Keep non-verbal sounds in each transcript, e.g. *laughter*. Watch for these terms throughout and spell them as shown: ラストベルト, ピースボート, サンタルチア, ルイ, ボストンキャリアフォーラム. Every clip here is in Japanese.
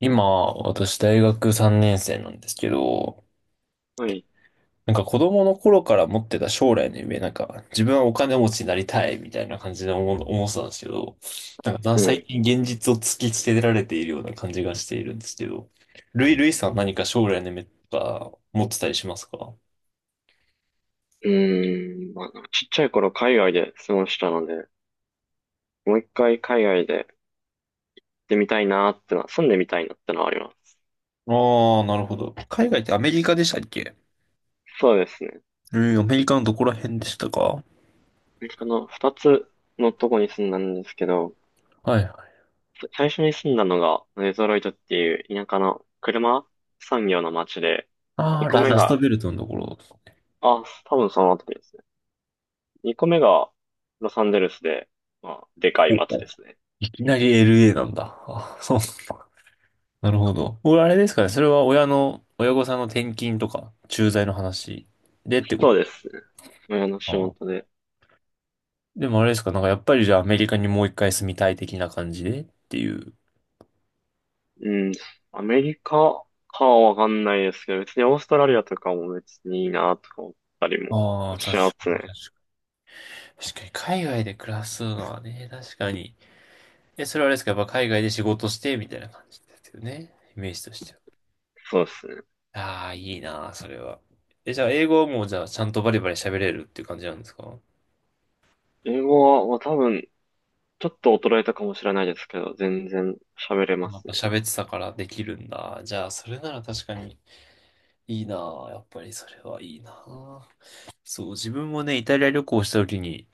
今、私大学3年生なんですけど、はい。子供の頃から持ってた将来の夢、自分はお金持ちになりたいみたいな感じで思ってたんですけど、う最ん。近現実を突きつけられているような感じがしているんですけど、ルイさん何か将来の夢とか持ってたりしますか？うーん。まあ、なんかちっちゃい頃海外で過ごしたので、もう一回海外で行ってみたいなーってのは、住んでみたいなってのはあります。ああ、なるほど。海外ってアメリカでしたっけ？そうですね。うん、アメリカのどこら辺でしたか？アメリカの二つのとこに住んだんですけど、はいはい。最初に住んだのがデトロイトっていう田舎の車産業の街で、あ二あ、個目ラストが、ベルトのところ。あ、多分その後ですね。二個目がロサンゼルスで、まあ、でかいお街でお、すね。いきなり LA なんだ。あ、そう。なるほど。俺、あれですかね。それは親御さんの転勤とか、駐在の話でってこそと。うですね。親のあ仕あ。事で。でもあれですか。やっぱりじゃあアメリカにもう一回住みたい的な感じでっていう。うん、アメリカかはわかんないですけど、別にオーストラリアとかも別にいいなとか思ったりもああ、確しかますに、ね。確かに、海外で暮らすのはね、確かに。え、それはあれですか。やっぱ海外で仕事して、みたいな感じですよね。イメージとしては。そうですね。ああ、いいなあ、それは。え、じゃあ英語はもうじゃあちゃんとバリバリ喋れるっていう感じなんですか？英語は、まあ、多分、ちょっと衰えたかもしれないですけど、全然喋れまやっすぱね。喋ってたからできるんだ。じゃあ、それなら確かに。いいなぁ。やっぱりそれはいいなぁ。そう、自分もね、イタリア旅行した時に、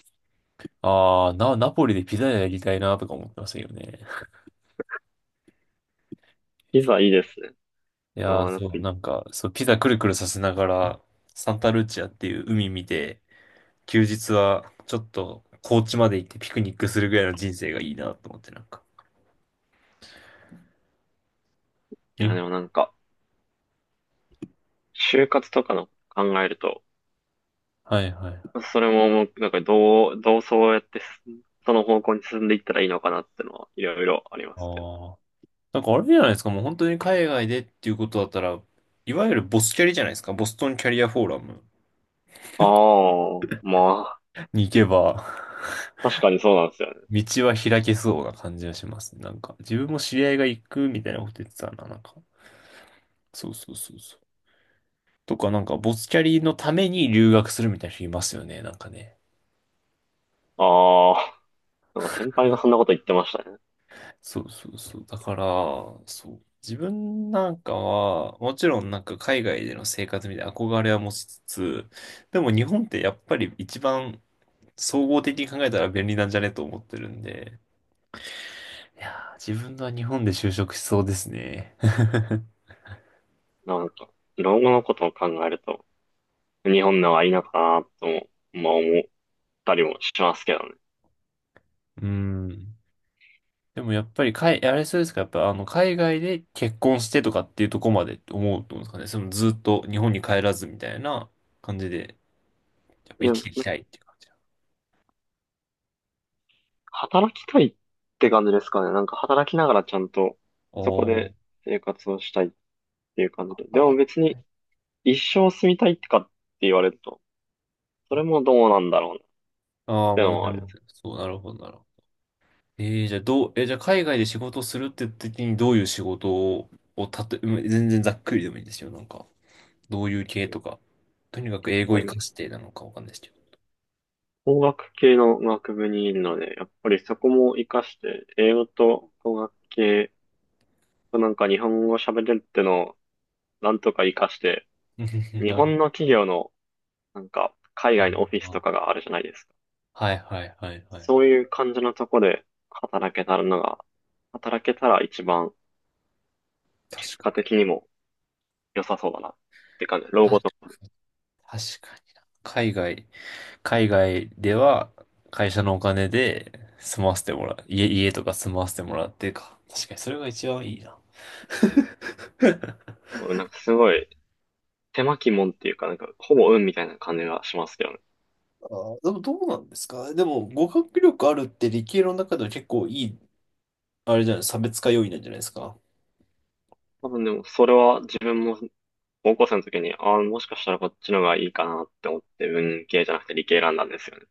ナポリでピザやりたいなとか思ってましたよね。ピザいいですね。あやっぱいピザくるくるさせながら、サンタルチアっていう海見て、休日はちょっと高知まで行ってピクニックするぐらいの人生がいいなと思って、に、や、でもなんか、就活とかの考えると、はいはい。それももう、なんかどうそうやってその方向に進んでいったらいいのかなってのは、いろいろありますけど。ああ。あれじゃないですか、もう本当に海外でっていうことだったら、いわゆるボスキャリじゃないですか、ボストンキャリアフォーラムああ、まに行けば、あ、確かにそうなんですよね。道は開けそうな感じがします。自分も知り合いが行くみたいなこと言ってたな、そうそうそうそう。とか、なんか、ボスキャリのために留学するみたいな人いますよね、なんかね。ああ。なんか先輩がそんなこと言ってましたね。そうそうそう。だから、そう。自分なんかは、もちろん海外での生活みたいな憧れは持ちつつ、でも日本ってやっぱり一番総合的に考えたら便利なんじゃねと思ってるんで、いやー、自分は日本で就職しそうですね。*laughs* なんか、老後のことを考えると、日本の方がいいのかなとも、まあ思ったりもしますけどね。うん。でもやっぱりあれそうですか、やっぱあの海外で結婚してとかっていうとこまでって思うと思うんですかね。そのずっと日本に帰らずみたいな感じで、やっいぱ生や、きていきたいっていう感じ。働きたいって感じですかね。なんか働きながらちゃんと、そこおでー、生活をしたいっていう感じで。で働もき別たにい。一生住みたいってかって言われると、それもどうなんだろうなっああ、てまあ、のは全あり然ます。そう、なるほど、なるほど。えー、じゃあどう、えー、じゃあ海外で仕事するって時にどういう仕事を、をたと、うん全然ざっくりでもいいんですよ。どういう系とか、とにかく英語やっ活ぱかりしてなのかわかんないですけど。工学系の学部にいるので、やっぱりそこも活かして、英語と工学系、なんか日本語喋れるってのをなんとか活かして、*laughs* うん、日なるほ本ど。の企業の、なんか、海あ外のオフィスー、とかがあるじゃないですか。はいはいはいはい。そういう感じのとこで働けたらのが、働けたら一番、結確か果に。的にも良さそうだなって感じ。老後とか。確かにな。海外では会社のお金で住まわせてもらう。家とか住まわせてもらってか。確かにそれが一番いいな。うん、なんかすごい、手巻きもんっていうか、なんか、ほぼ運みたいな感じがしますけどね。あー、でもどうなんですかでも、語学力あるって理系の中では結構いい、あれじゃない、差別化要因なんじゃないですか。多分でも、それは自分も、高校生の時に、ああ、もしかしたらこっちの方がいいかなって思って、文系じゃなくて理系選んだんですよね。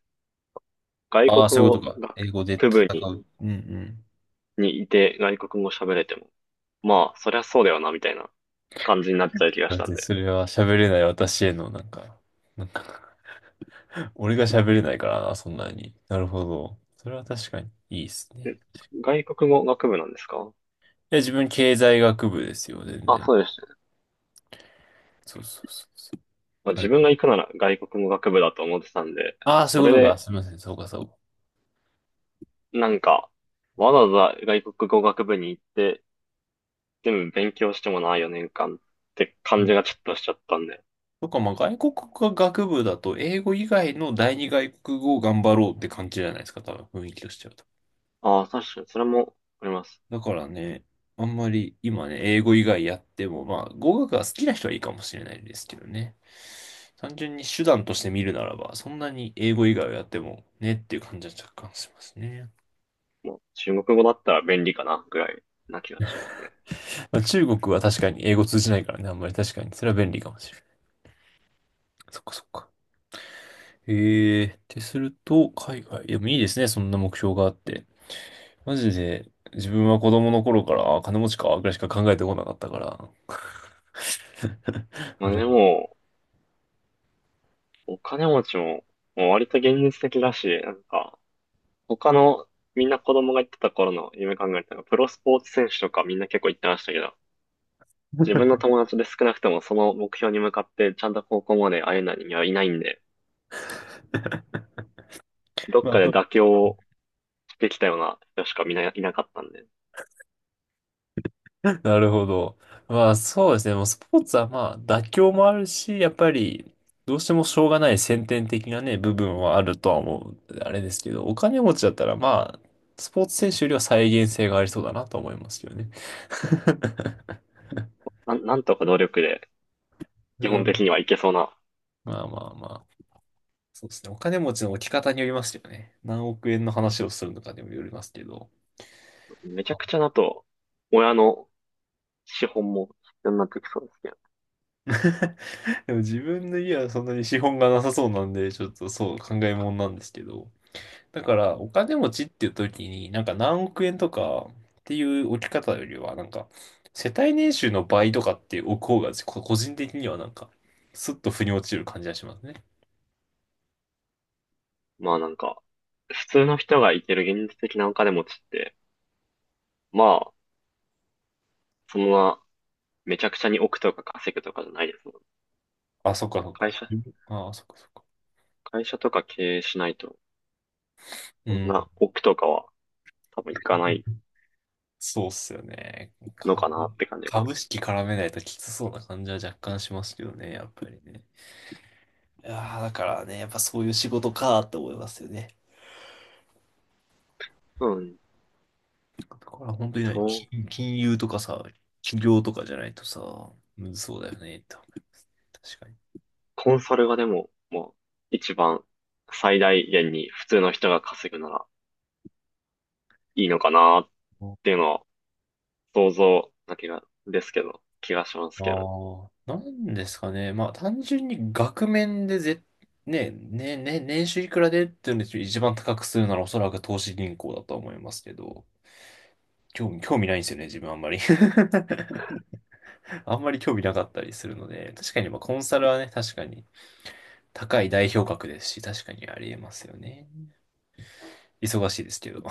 外あ国あ、そういうこと語か。英語で学戦部にう。うんうん。にいて外国語喋れても、まあ、そりゃそうだよな、みたいな感じになっちゃう気がだしったんてで。それは喋れない私へのなんか、なんか *laughs* 俺が喋れないからな、そんなに。なるほど。それは確かにいいですね。え、外国語学部なんですか？いや、自分経済学部ですよ、全あ、然。そうでしたね。そうそうそうそまあ、う。は自い、分が行くなら外国語学部だと思ってたんで、ああ、そそういうれことか。で、すみません。そうか、そうか。なんか、わざわざ外国語学部に行って、全部勉強してもな、4年間ってう感ん、じがちょっとしちゃったんで。そっか、まあ、外国語学部だと、英語以外の第二外国語を頑張ろうって感じじゃないですか、多分、雰囲気としては。ああ、確かに、それもあります。だからね、あんまり今ね、英語以外やっても、まあ、語学が好きな人はいいかもしれないですけどね。単純に手段として見るならば、そんなに英語以外をやってもねっていう感じは若干しますね。もう中国語だったら便利かな、ぐらいな気がしますね。まあ、中国は確かに英語通じないからね、あんまり確かに。それは便利かもしれない。そっかそっか。へえ、ってすると、海外。でもいいですね、そんな目標があって。マジで、自分は子供の頃から、あ、金持ちか、ぐらいしか考えてこなかったから。*laughs* まああれ。でも、お金持ちも、もう割と現実的だし、なんか、他のみんな子供が言ってた頃の夢考えたら、プロスポーツ選手とかみんな結構言ってましたけど、自分 *laughs* の友達で少なくともその目標に向かってちゃんと高校まで会えない人間はいないんで、どっまあ、かでそう 妥協してきたような人しかみんないなかったんで、*laughs* なるほど。まあ、そうですね。もうスポーツはまあ、妥協もあるし、やっぱり、どうしてもしょうがない先天的なね、部分はあるとは思う。あれですけど、お金持ちだったらまあ、スポーツ選手よりは再現性がありそうだなと思いますけどね。*laughs* なんとか努力でう基本的ん、にはいけそうな、まあまあまあ。そうですね。お金持ちの置き方によりますよね。何億円の話をするのかにもよりますけど。めちゃくちゃだと、親の資本も必要になってきそうですけど、*laughs* でも自分の家はそんなに資本がなさそうなんで、ちょっとそう考えもんなんですけど。だからお金持ちっていう時に何億円とかっていう置き方よりは、世帯年収の倍とかって置く方が個人的にはなんかスッと腑に落ちる感じがしますね。まあなんか、普通の人がいける現実的なお金持ちって、まあ、そのままめちゃくちゃに億とか稼ぐとかじゃないですもんね。あ、そっかそっ会か。社、ああ、そっかそっか。会社とか経営しないと、うそんん。な億とかは多分いかないそうっすよね。のかか、なって感じが。株式絡めないときつそうな感じは若干しますけどね、やっぱりね。いやーだからね、やっぱそういう仕事かーって思いますよね。うん。だから本当にね、そう、金融とかさ、企業とかじゃないとさ、むずそうだよねって思う、確かに。コンサルがでも、もう一番最大限に普通の人が稼ぐならいいのかなっていうのは想像だけが、ですけど、気がしますけど。ああ、なんですかね。まあ、単純に額面でぜ、ね、ね、ね、年収いくらでっていうのを一番高くするならおそらく投資銀行だとは思いますけど、興味ないんですよね、自分あんまり。*laughs* *laughs* あんまり興味なかったりするので、確かにまあコンサルはね、確かに高い代表格ですし、確かにありえますよね。忙しいですけど。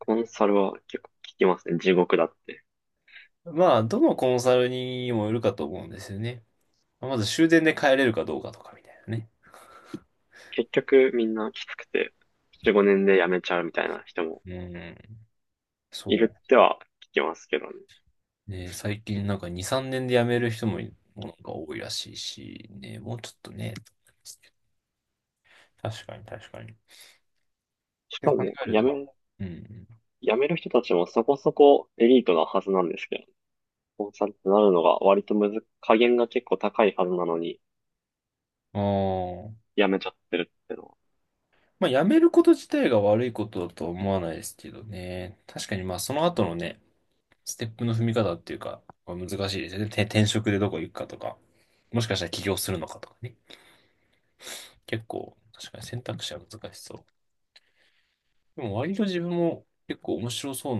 コンサルは結構聞きますね。地獄だって。*laughs* まあ、どのコンサルにもよるかと思うんですよね。まず終電で帰れるかどうかとかみたいなね。結局みんなきつくて、4、5年で辞めちゃうみたいな人もうん、いそるっては聞きますけどね。う。ね、最近なんか2、3年で辞める人も、もなんか多いらしいし、ね、もうちょっとね、確かに確かに。しでか考も、えると、うん辞める人たちもそこそこエリートなはずなんですけど、コンサルってなるのが割とむず、加減が結構高いはずなのに、うん。ああ。辞めちゃってるってのは、まあ、辞めること自体が悪いことだとは思わないですけどね。確かにまあ、その後のね、ステップの踏み方っていうか、まあ難しいですよね。て転職でどこ行くかとか、もしかしたら起業するのかとかね。結構、確かに選択肢は難しそう。でも割と自分も結構面白そう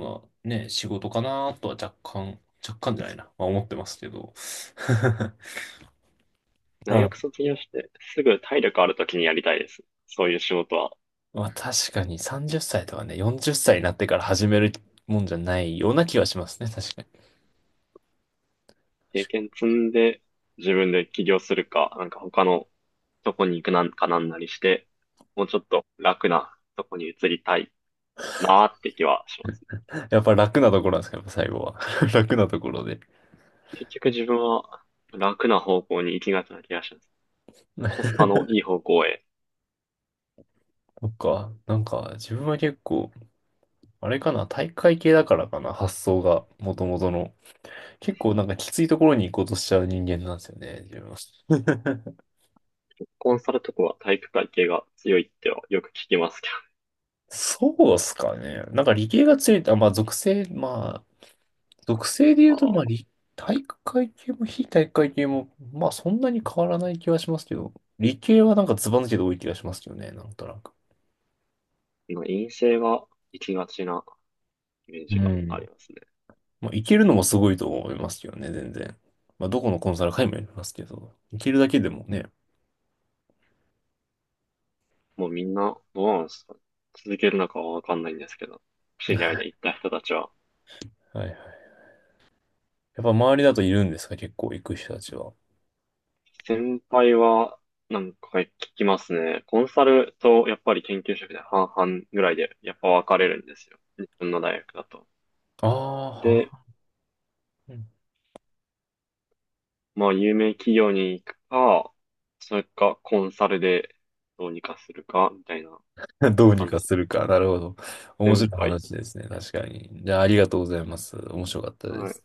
なね、仕事かなとは若干じゃないな。まあ、思ってますけど。*laughs* 大なるほ学ど。卒業してすぐ体力ある時にやりたいです。そういう仕事は。まあ確かに30歳とかね、40歳になってから始めるもんじゃないような気はしますね。確かに。経験積んで、自分で起業するか、なんか他のとこに行くなんかなんなりして、もうちょっと楽なとこに移りたいなーって気はします。やっぱ楽なところなんですか、やっぱ最後は。*laughs* 楽なところで。結局自分は楽な方向に行きがちな気がします。コスそパのいい方向へ。っか、なんか自分は結構、あれかな、体育会系だからかな、発想が、もともとの。結構なんかきついところに行こうとしちゃう人間なんですよね、自分は。*laughs* コンサルとかは体育会系が強いってはよく聞きますけそうっすかね。なんか理系が強いって、まあ属性、属性で言うと、まど。ああ理、体育会系も非体育会系も、まあそんなに変わらない気はしますけど、理系はなんかずば抜けて多い気がしますけどね、なんとなく。あ、まあ陰性が行きがちなイメーうジがあん。りますね。まあ、行けるのもすごいと思いますけどね、全然。まあ、どこのコンサル会もやりますけど、行けるだけでもね。もうみんな、どうなんですか、続けるのかはわかんないんですけど、知り合いで行った人たちは。はいはい。やっぱ周りだといるんですか、結構行く人たちは。先輩は、なんか聞きますね。コンサルとやっぱり研究職で半々ぐらいでやっぱ分かれるんですよ。日本の大学だと。ああ、で、は。うん まあ有名企業に行くか、それかコンサルでどうにかするかみたいな *laughs* どうに感かじ。するか。なるほど。面先白い輩。話ですね、確かに。じゃあ、ありがとうございます。面白かったではす。い。